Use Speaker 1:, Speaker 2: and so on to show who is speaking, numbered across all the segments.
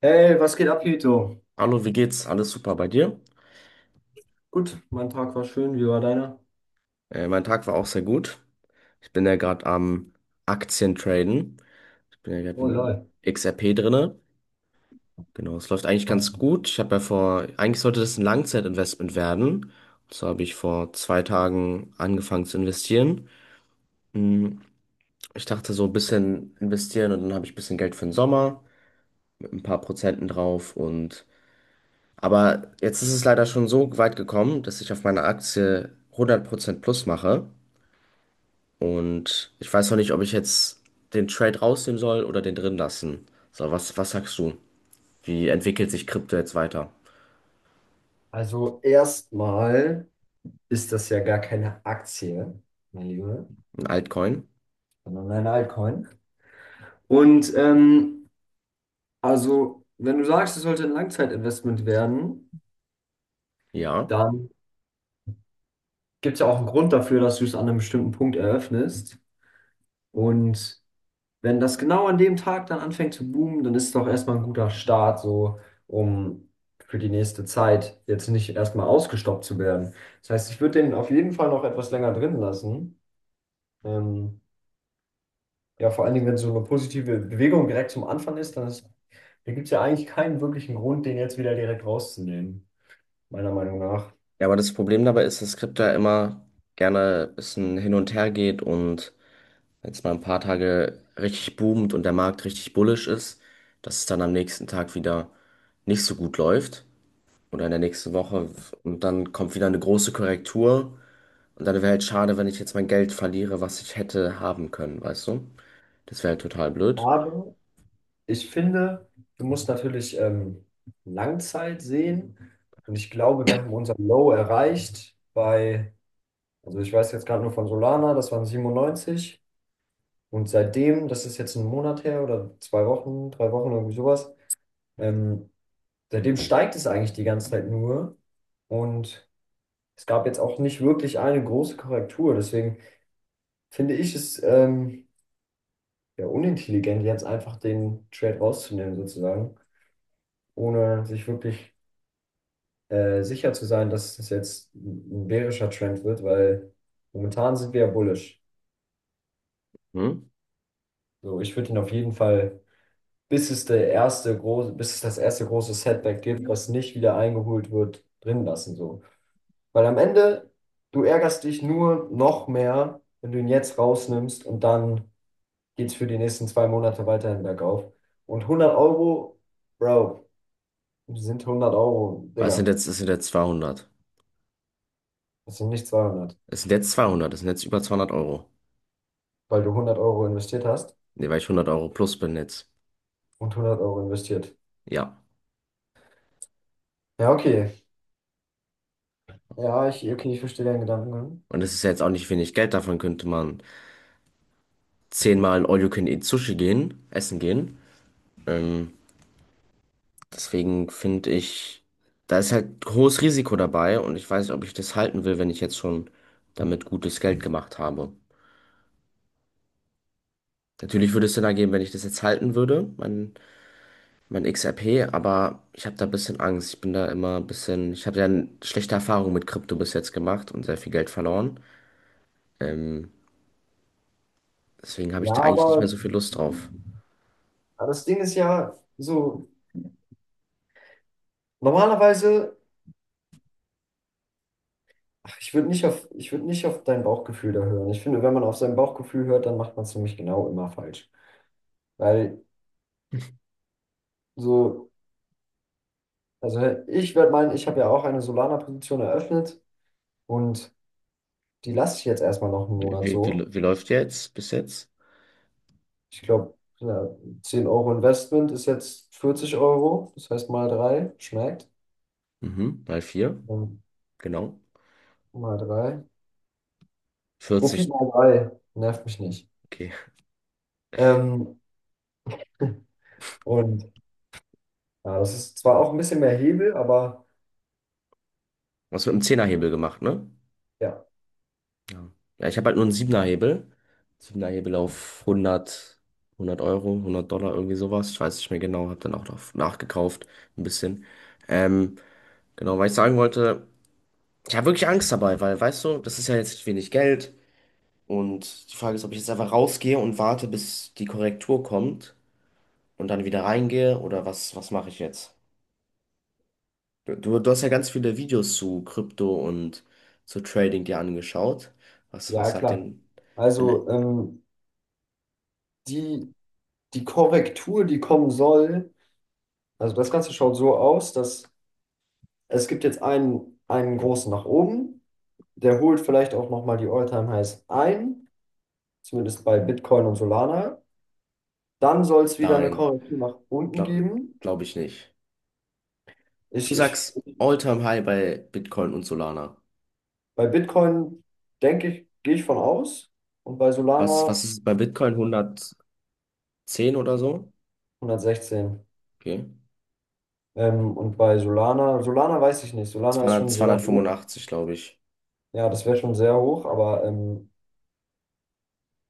Speaker 1: Hey, was geht ab, Hito?
Speaker 2: Hallo, wie geht's? Alles super bei dir?
Speaker 1: Gut, mein Tag war schön. Wie war deiner?
Speaker 2: Mein Tag war auch sehr gut. Ich bin ja gerade am Aktientraden. Ich bin ja gerade
Speaker 1: Oh
Speaker 2: in
Speaker 1: lol.
Speaker 2: XRP drinne. Genau, es läuft eigentlich
Speaker 1: Was
Speaker 2: ganz
Speaker 1: denn?
Speaker 2: gut. Ich habe ja vor, eigentlich sollte das ein Langzeitinvestment werden. Und so habe ich vor 2 Tagen angefangen zu investieren. Hm, Ich dachte so ein bisschen investieren, und dann habe ich ein bisschen Geld für den Sommer mit ein paar Prozenten drauf, und aber jetzt ist es leider schon so weit gekommen, dass ich auf meine Aktie 100% plus mache. Und ich weiß noch nicht, ob ich jetzt den Trade rausnehmen soll oder den drin lassen. So, was sagst du? Wie entwickelt sich Krypto jetzt weiter?
Speaker 1: Also erstmal ist das ja gar keine Aktie, mein Lieber,
Speaker 2: Ein Altcoin?
Speaker 1: sondern ein Altcoin. Und ähm, also, wenn du sagst, es sollte ein Langzeitinvestment werden,
Speaker 2: Ja.
Speaker 1: dann gibt es ja auch einen Grund dafür, dass du es an einem bestimmten Punkt eröffnest. Und wenn das genau an dem Tag dann anfängt zu boomen, dann ist es doch erstmal ein guter Start, so um für die nächste Zeit jetzt nicht erstmal ausgestoppt zu werden. Das heißt, ich würde den auf jeden Fall noch etwas länger drin lassen. Ähm, ja, vor allen Dingen, wenn so eine positive Bewegung direkt zum Anfang ist, da gibt es ja eigentlich keinen wirklichen Grund, den jetzt wieder direkt rauszunehmen, meiner Meinung nach.
Speaker 2: Ja, aber das Problem dabei ist, dass Krypto ja immer gerne ein bisschen hin und her geht, und wenn es mal ein paar Tage richtig boomt und der Markt richtig bullish ist, dass es dann am nächsten Tag wieder nicht so gut läuft oder in der nächsten Woche, und dann kommt wieder eine große Korrektur, und dann wäre halt schade, wenn ich jetzt mein Geld verliere, was ich hätte haben können, weißt du? Das wäre halt total blöd.
Speaker 1: Aber ich finde, du musst natürlich Langzeit sehen. Und ich glaube, wir haben unser Low erreicht bei Also ich weiß jetzt gerade nur von Solana, das waren 97. Und seitdem, das ist jetzt ein Monat her oder zwei Wochen, drei Wochen, irgendwie sowas, ähm, seitdem steigt es eigentlich die ganze Zeit nur. Und es gab jetzt auch nicht wirklich eine große Korrektur. Deswegen finde ich es ja unintelligent, jetzt einfach den Trade rauszunehmen, sozusagen, ohne sich wirklich sicher zu sein, dass es jetzt ein bärischer Trend wird, weil momentan sind wir ja bullish.
Speaker 2: Hm?
Speaker 1: So, ich würde ihn auf jeden Fall bis es das erste große Setback gibt, was nicht wieder eingeholt wird, drin lassen so. Weil am Ende, du ärgerst dich nur noch mehr, wenn du ihn jetzt rausnimmst und dann geht's für die nächsten zwei Monate weiterhin bergauf. Und 100 Euro, Bro, sind 100 Euro,
Speaker 2: Was sind
Speaker 1: Digga.
Speaker 2: jetzt, es sind jetzt 200.
Speaker 1: Das sind nicht 200,
Speaker 2: Es sind jetzt 200, es sind jetzt über 200 Euro.
Speaker 1: weil du 100 Euro investiert hast
Speaker 2: Ne, weil ich 100 € plus bin jetzt.
Speaker 1: und 100 Euro investiert.
Speaker 2: Ja.
Speaker 1: Ja, okay. Okay, ich verstehe deinen Gedankengang.
Speaker 2: Und das ist ja jetzt auch nicht wenig Geld, davon könnte man zehnmal in All-You-Can-Eat Sushi gehen, essen gehen. Ähm, Deswegen finde ich, da ist halt hohes Risiko dabei, und ich weiß nicht, ob ich das halten will, wenn ich jetzt schon damit gutes Geld gemacht habe. Natürlich würde es Sinn ergeben, wenn ich das jetzt halten würde, mein XRP, aber ich habe da ein bisschen Angst. Ich bin da immer ein bisschen, ich habe ja schlechte Erfahrungen mit Krypto bis jetzt gemacht und sehr viel Geld verloren. Ähm, Deswegen habe ich
Speaker 1: Ja,
Speaker 2: da eigentlich nicht mehr so viel Lust drauf.
Speaker 1: aber das Ding ist ja so, normalerweise, ach, ich würde nicht auf dein Bauchgefühl da hören. Ich finde, wenn man auf sein Bauchgefühl hört, dann macht man es nämlich genau immer falsch. Weil so, also ich werde meinen, ich habe ja auch eine Solana-Position eröffnet und die lasse ich jetzt erstmal noch einen
Speaker 2: Wie,
Speaker 1: Monat
Speaker 2: wie,
Speaker 1: so.
Speaker 2: wie läuft jetzt bis jetzt?
Speaker 1: Ich glaube, ja, 10 Euro Investment ist jetzt 40 Euro, das heißt mal drei, schmeckt.
Speaker 2: Mhm, mal vier,
Speaker 1: Ähm,
Speaker 2: genau.
Speaker 1: Mal drei. Profit
Speaker 2: 40,
Speaker 1: mal drei, nervt mich nicht.
Speaker 2: okay.
Speaker 1: Ähm, und ja, das ist zwar auch ein bisschen mehr Hebel, aber.
Speaker 2: Was mit dem Zehnerhebel gemacht, ne?
Speaker 1: Ja,
Speaker 2: Ja. Ja, ich habe halt nur einen Siebenerhebel. Siebenerhebel auf 100, 100 Euro, 100 Dollar, irgendwie sowas. Ich weiß nicht mehr genau, habe dann auch noch nachgekauft, ein bisschen. Ähm, genau, weil ich sagen wollte. Ich habe wirklich Angst dabei, weil, weißt du, das ist ja jetzt wenig Geld, und die Frage ist, ob ich jetzt einfach rausgehe und warte, bis die Korrektur kommt und dann wieder reingehe, oder was, was mache ich jetzt? Du hast ja ganz viele Videos zu Krypto und zu Trading dir angeschaut. Was
Speaker 1: ja,
Speaker 2: sagt
Speaker 1: klar.
Speaker 2: denn, denn
Speaker 1: Also ähm, die, die Korrektur, die kommen soll, also das Ganze schaut so aus, dass es gibt jetzt einen großen nach oben, der holt vielleicht auch nochmal die All-Time-Highs ein, zumindest bei Bitcoin und Solana. Dann soll es wieder eine
Speaker 2: dein?
Speaker 1: Korrektur nach unten
Speaker 2: Glaube
Speaker 1: geben.
Speaker 2: glaub ich nicht. Du
Speaker 1: Ich, ich,
Speaker 2: sagst All-Time-High bei Bitcoin und Solana.
Speaker 1: bei Bitcoin denke ich, gehe ich von aus und bei
Speaker 2: Was,
Speaker 1: Solana
Speaker 2: was ist es bei Bitcoin? 110 oder so?
Speaker 1: 116.
Speaker 2: Okay.
Speaker 1: Und bei Solana, Solana weiß ich nicht, Solana ist
Speaker 2: 200,
Speaker 1: schon sehr hoch.
Speaker 2: 285, glaube ich.
Speaker 1: Ja, das wäre schon sehr hoch, aber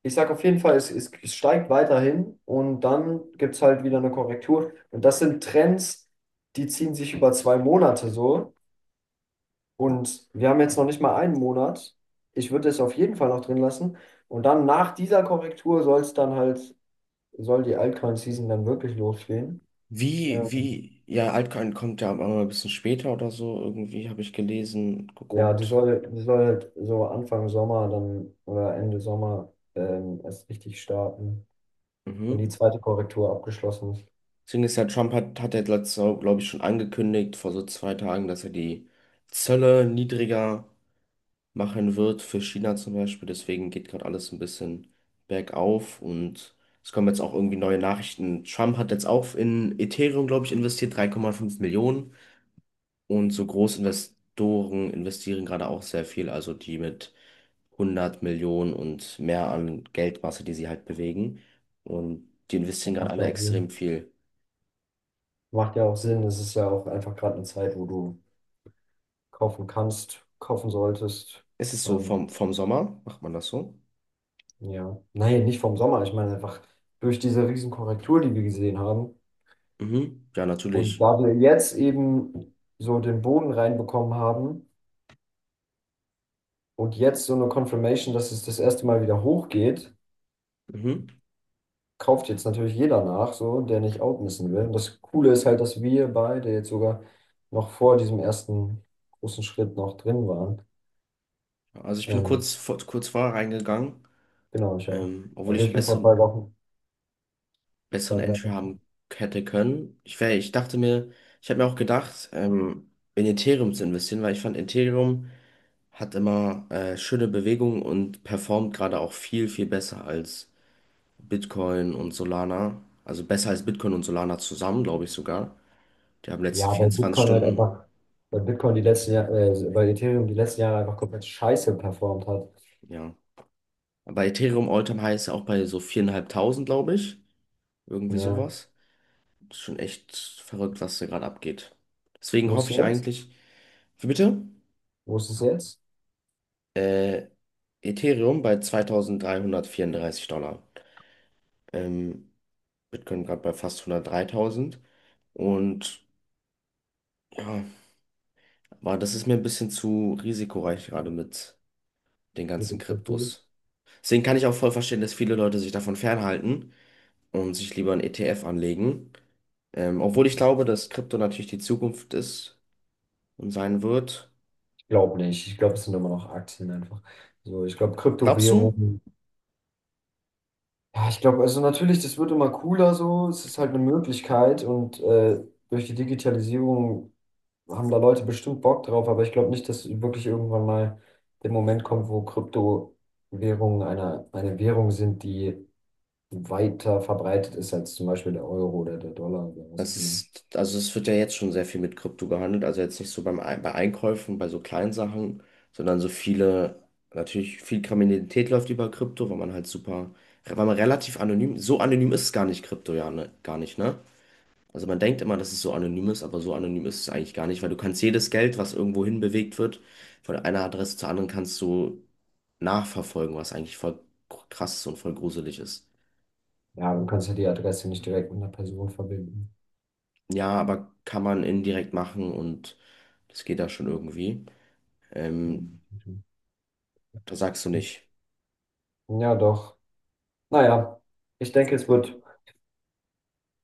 Speaker 1: ich sage auf jeden Fall, es steigt weiterhin und dann gibt es halt wieder eine Korrektur. Und das sind Trends, die ziehen sich über zwei Monate so. Und wir haben jetzt noch nicht mal einen Monat. Ich würde es auf jeden Fall noch drin lassen. Und dann nach dieser Korrektur soll die Altcoin-Season dann wirklich losgehen. Ähm,
Speaker 2: Ja, Altcoin kommt ja immer ein bisschen später oder so, irgendwie habe ich gelesen,
Speaker 1: ja,
Speaker 2: geguckt.
Speaker 1: die soll halt so Anfang Sommer dann oder Ende Sommer erst richtig starten, wenn die
Speaker 2: Mhm.
Speaker 1: zweite Korrektur abgeschlossen ist.
Speaker 2: Deswegen ist ja Trump hat, hat er letztes Jahr, glaube ich, schon angekündigt, vor so 2 Tagen, dass er die Zölle niedriger machen wird für China zum Beispiel. Deswegen geht gerade alles ein bisschen bergauf, und es kommen jetzt auch irgendwie neue Nachrichten. Trump hat jetzt auch in Ethereum, glaube ich, investiert, 3,5 Millionen. Und so Großinvestoren investieren gerade auch sehr viel, also die mit 100 Millionen und mehr an Geldmasse, die sie halt bewegen. Und die investieren gerade
Speaker 1: Macht ja
Speaker 2: alle
Speaker 1: auch
Speaker 2: extrem
Speaker 1: Sinn.
Speaker 2: viel.
Speaker 1: Macht ja auch Sinn. Es ist ja auch einfach gerade eine Zeit, wo du kaufen kannst, kaufen solltest.
Speaker 2: Ist es so
Speaker 1: Ähm,
Speaker 2: vom, vom Sommer? Macht man das so?
Speaker 1: ja, nein, nicht vom Sommer. Ich meine einfach durch diese riesen Korrektur die wir gesehen haben.
Speaker 2: Mhm. Ja,
Speaker 1: Und
Speaker 2: natürlich.
Speaker 1: da wir jetzt eben so den Boden reinbekommen haben und jetzt so eine Confirmation, dass es das erste Mal wieder hochgeht,
Speaker 2: Mhm.
Speaker 1: kauft jetzt natürlich jeder nach, so, der nicht outmissen will. Und das Coole ist halt, dass wir beide jetzt sogar noch vor diesem ersten großen Schritt noch drin waren.
Speaker 2: Also ich bin
Speaker 1: Ähm,
Speaker 2: kurz vorher reingegangen,
Speaker 1: Genau, ich auch.
Speaker 2: obwohl
Speaker 1: Also
Speaker 2: ich einen
Speaker 1: ich bin vor zwei Wochen,
Speaker 2: besseren
Speaker 1: zwei, drei
Speaker 2: Entry
Speaker 1: Wochen.
Speaker 2: haben hätte können. Ich dachte mir, ich habe mir auch gedacht, in Ethereum zu investieren, weil ich fand Ethereum hat immer schöne Bewegungen und performt gerade auch viel, viel besser als Bitcoin und Solana. Also besser als Bitcoin und Solana zusammen, glaube ich sogar. Die haben
Speaker 1: Ja,
Speaker 2: letzten
Speaker 1: weil
Speaker 2: 24
Speaker 1: Bitcoin halt
Speaker 2: Stunden,
Speaker 1: einfach, weil Bitcoin die letzten Jahre, weil Ethereum die letzten Jahre einfach komplett scheiße performt hat.
Speaker 2: ja. Bei Ethereum all heißt auch bei so 4.500, glaube ich. Irgendwie
Speaker 1: Ja.
Speaker 2: sowas. Das ist schon echt verrückt, was da gerade abgeht. Deswegen
Speaker 1: Wo
Speaker 2: hoffe
Speaker 1: ist es
Speaker 2: ich
Speaker 1: jetzt?
Speaker 2: eigentlich, wie bitte?
Speaker 1: Wo ist es jetzt?
Speaker 2: Äh, Ethereum bei 2334 Dollar. Ähm, Bitcoin gerade bei fast 103.000. Und ja, aber das ist mir ein bisschen zu risikoreich gerade mit den
Speaker 1: Mit
Speaker 2: ganzen
Speaker 1: dem Zettel?
Speaker 2: Kryptos. Deswegen kann ich auch voll verstehen, dass viele Leute sich davon fernhalten und sich lieber einen ETF anlegen. Obwohl ich glaube, dass Krypto natürlich die Zukunft ist und sein wird.
Speaker 1: Ich glaube nicht. Ich glaube, es sind immer noch Aktien einfach. So, ich glaube,
Speaker 2: Glaubst du?
Speaker 1: Kryptowährungen. Ja, ich glaube, also natürlich, das wird immer cooler so. Es ist halt eine Möglichkeit und durch die Digitalisierung haben da Leute bestimmt Bock drauf, aber ich glaube nicht, dass wirklich irgendwann mal der Moment kommt, wo Kryptowährungen eine Währung sind, die weiter verbreitet ist als zum Beispiel der Euro oder der Dollar oder was
Speaker 2: Es
Speaker 1: auch immer.
Speaker 2: ist, also es wird ja jetzt schon sehr viel mit Krypto gehandelt. Also jetzt nicht so bei Einkäufen, bei so kleinen Sachen, sondern so viele, natürlich viel Kriminalität läuft über Krypto, weil man halt super, weil man relativ anonym, so anonym ist es gar nicht Krypto, ja, ne, gar nicht, ne? Also man denkt immer, dass es so anonym ist, aber so anonym ist es eigentlich gar nicht, weil du kannst jedes Geld, was irgendwo hin bewegt wird, von einer Adresse zur anderen kannst du nachverfolgen, was eigentlich voll krass ist und voll gruselig ist.
Speaker 1: Ja, du kannst ja die Adresse nicht direkt mit einer Person verbinden.
Speaker 2: Ja, aber kann man indirekt machen, und das geht da schon irgendwie. Ähm, Da sagst du
Speaker 1: Gut.
Speaker 2: nicht.
Speaker 1: Ja, doch. Naja, ich denke,
Speaker 2: So.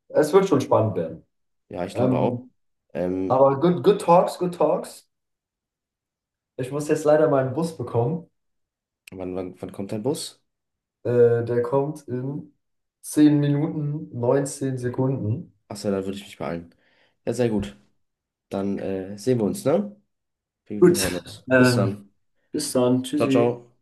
Speaker 1: es wird schon spannend werden.
Speaker 2: Ja, ich glaube auch.
Speaker 1: Ähm,
Speaker 2: Ähm,
Speaker 1: aber good, good talks, good talks. Ich muss jetzt leider meinen Bus bekommen.
Speaker 2: wann kommt dein Bus?
Speaker 1: Der kommt in 10 Minuten, 19 Sekunden.
Speaker 2: Achso, dann würde ich mich beeilen. Ja, sehr gut. Dann sehen wir uns, ne? Wir
Speaker 1: Gut,
Speaker 2: hören uns. Bis
Speaker 1: ähm,
Speaker 2: dann.
Speaker 1: bis dann.
Speaker 2: Ciao,
Speaker 1: Tschüssi.
Speaker 2: ciao.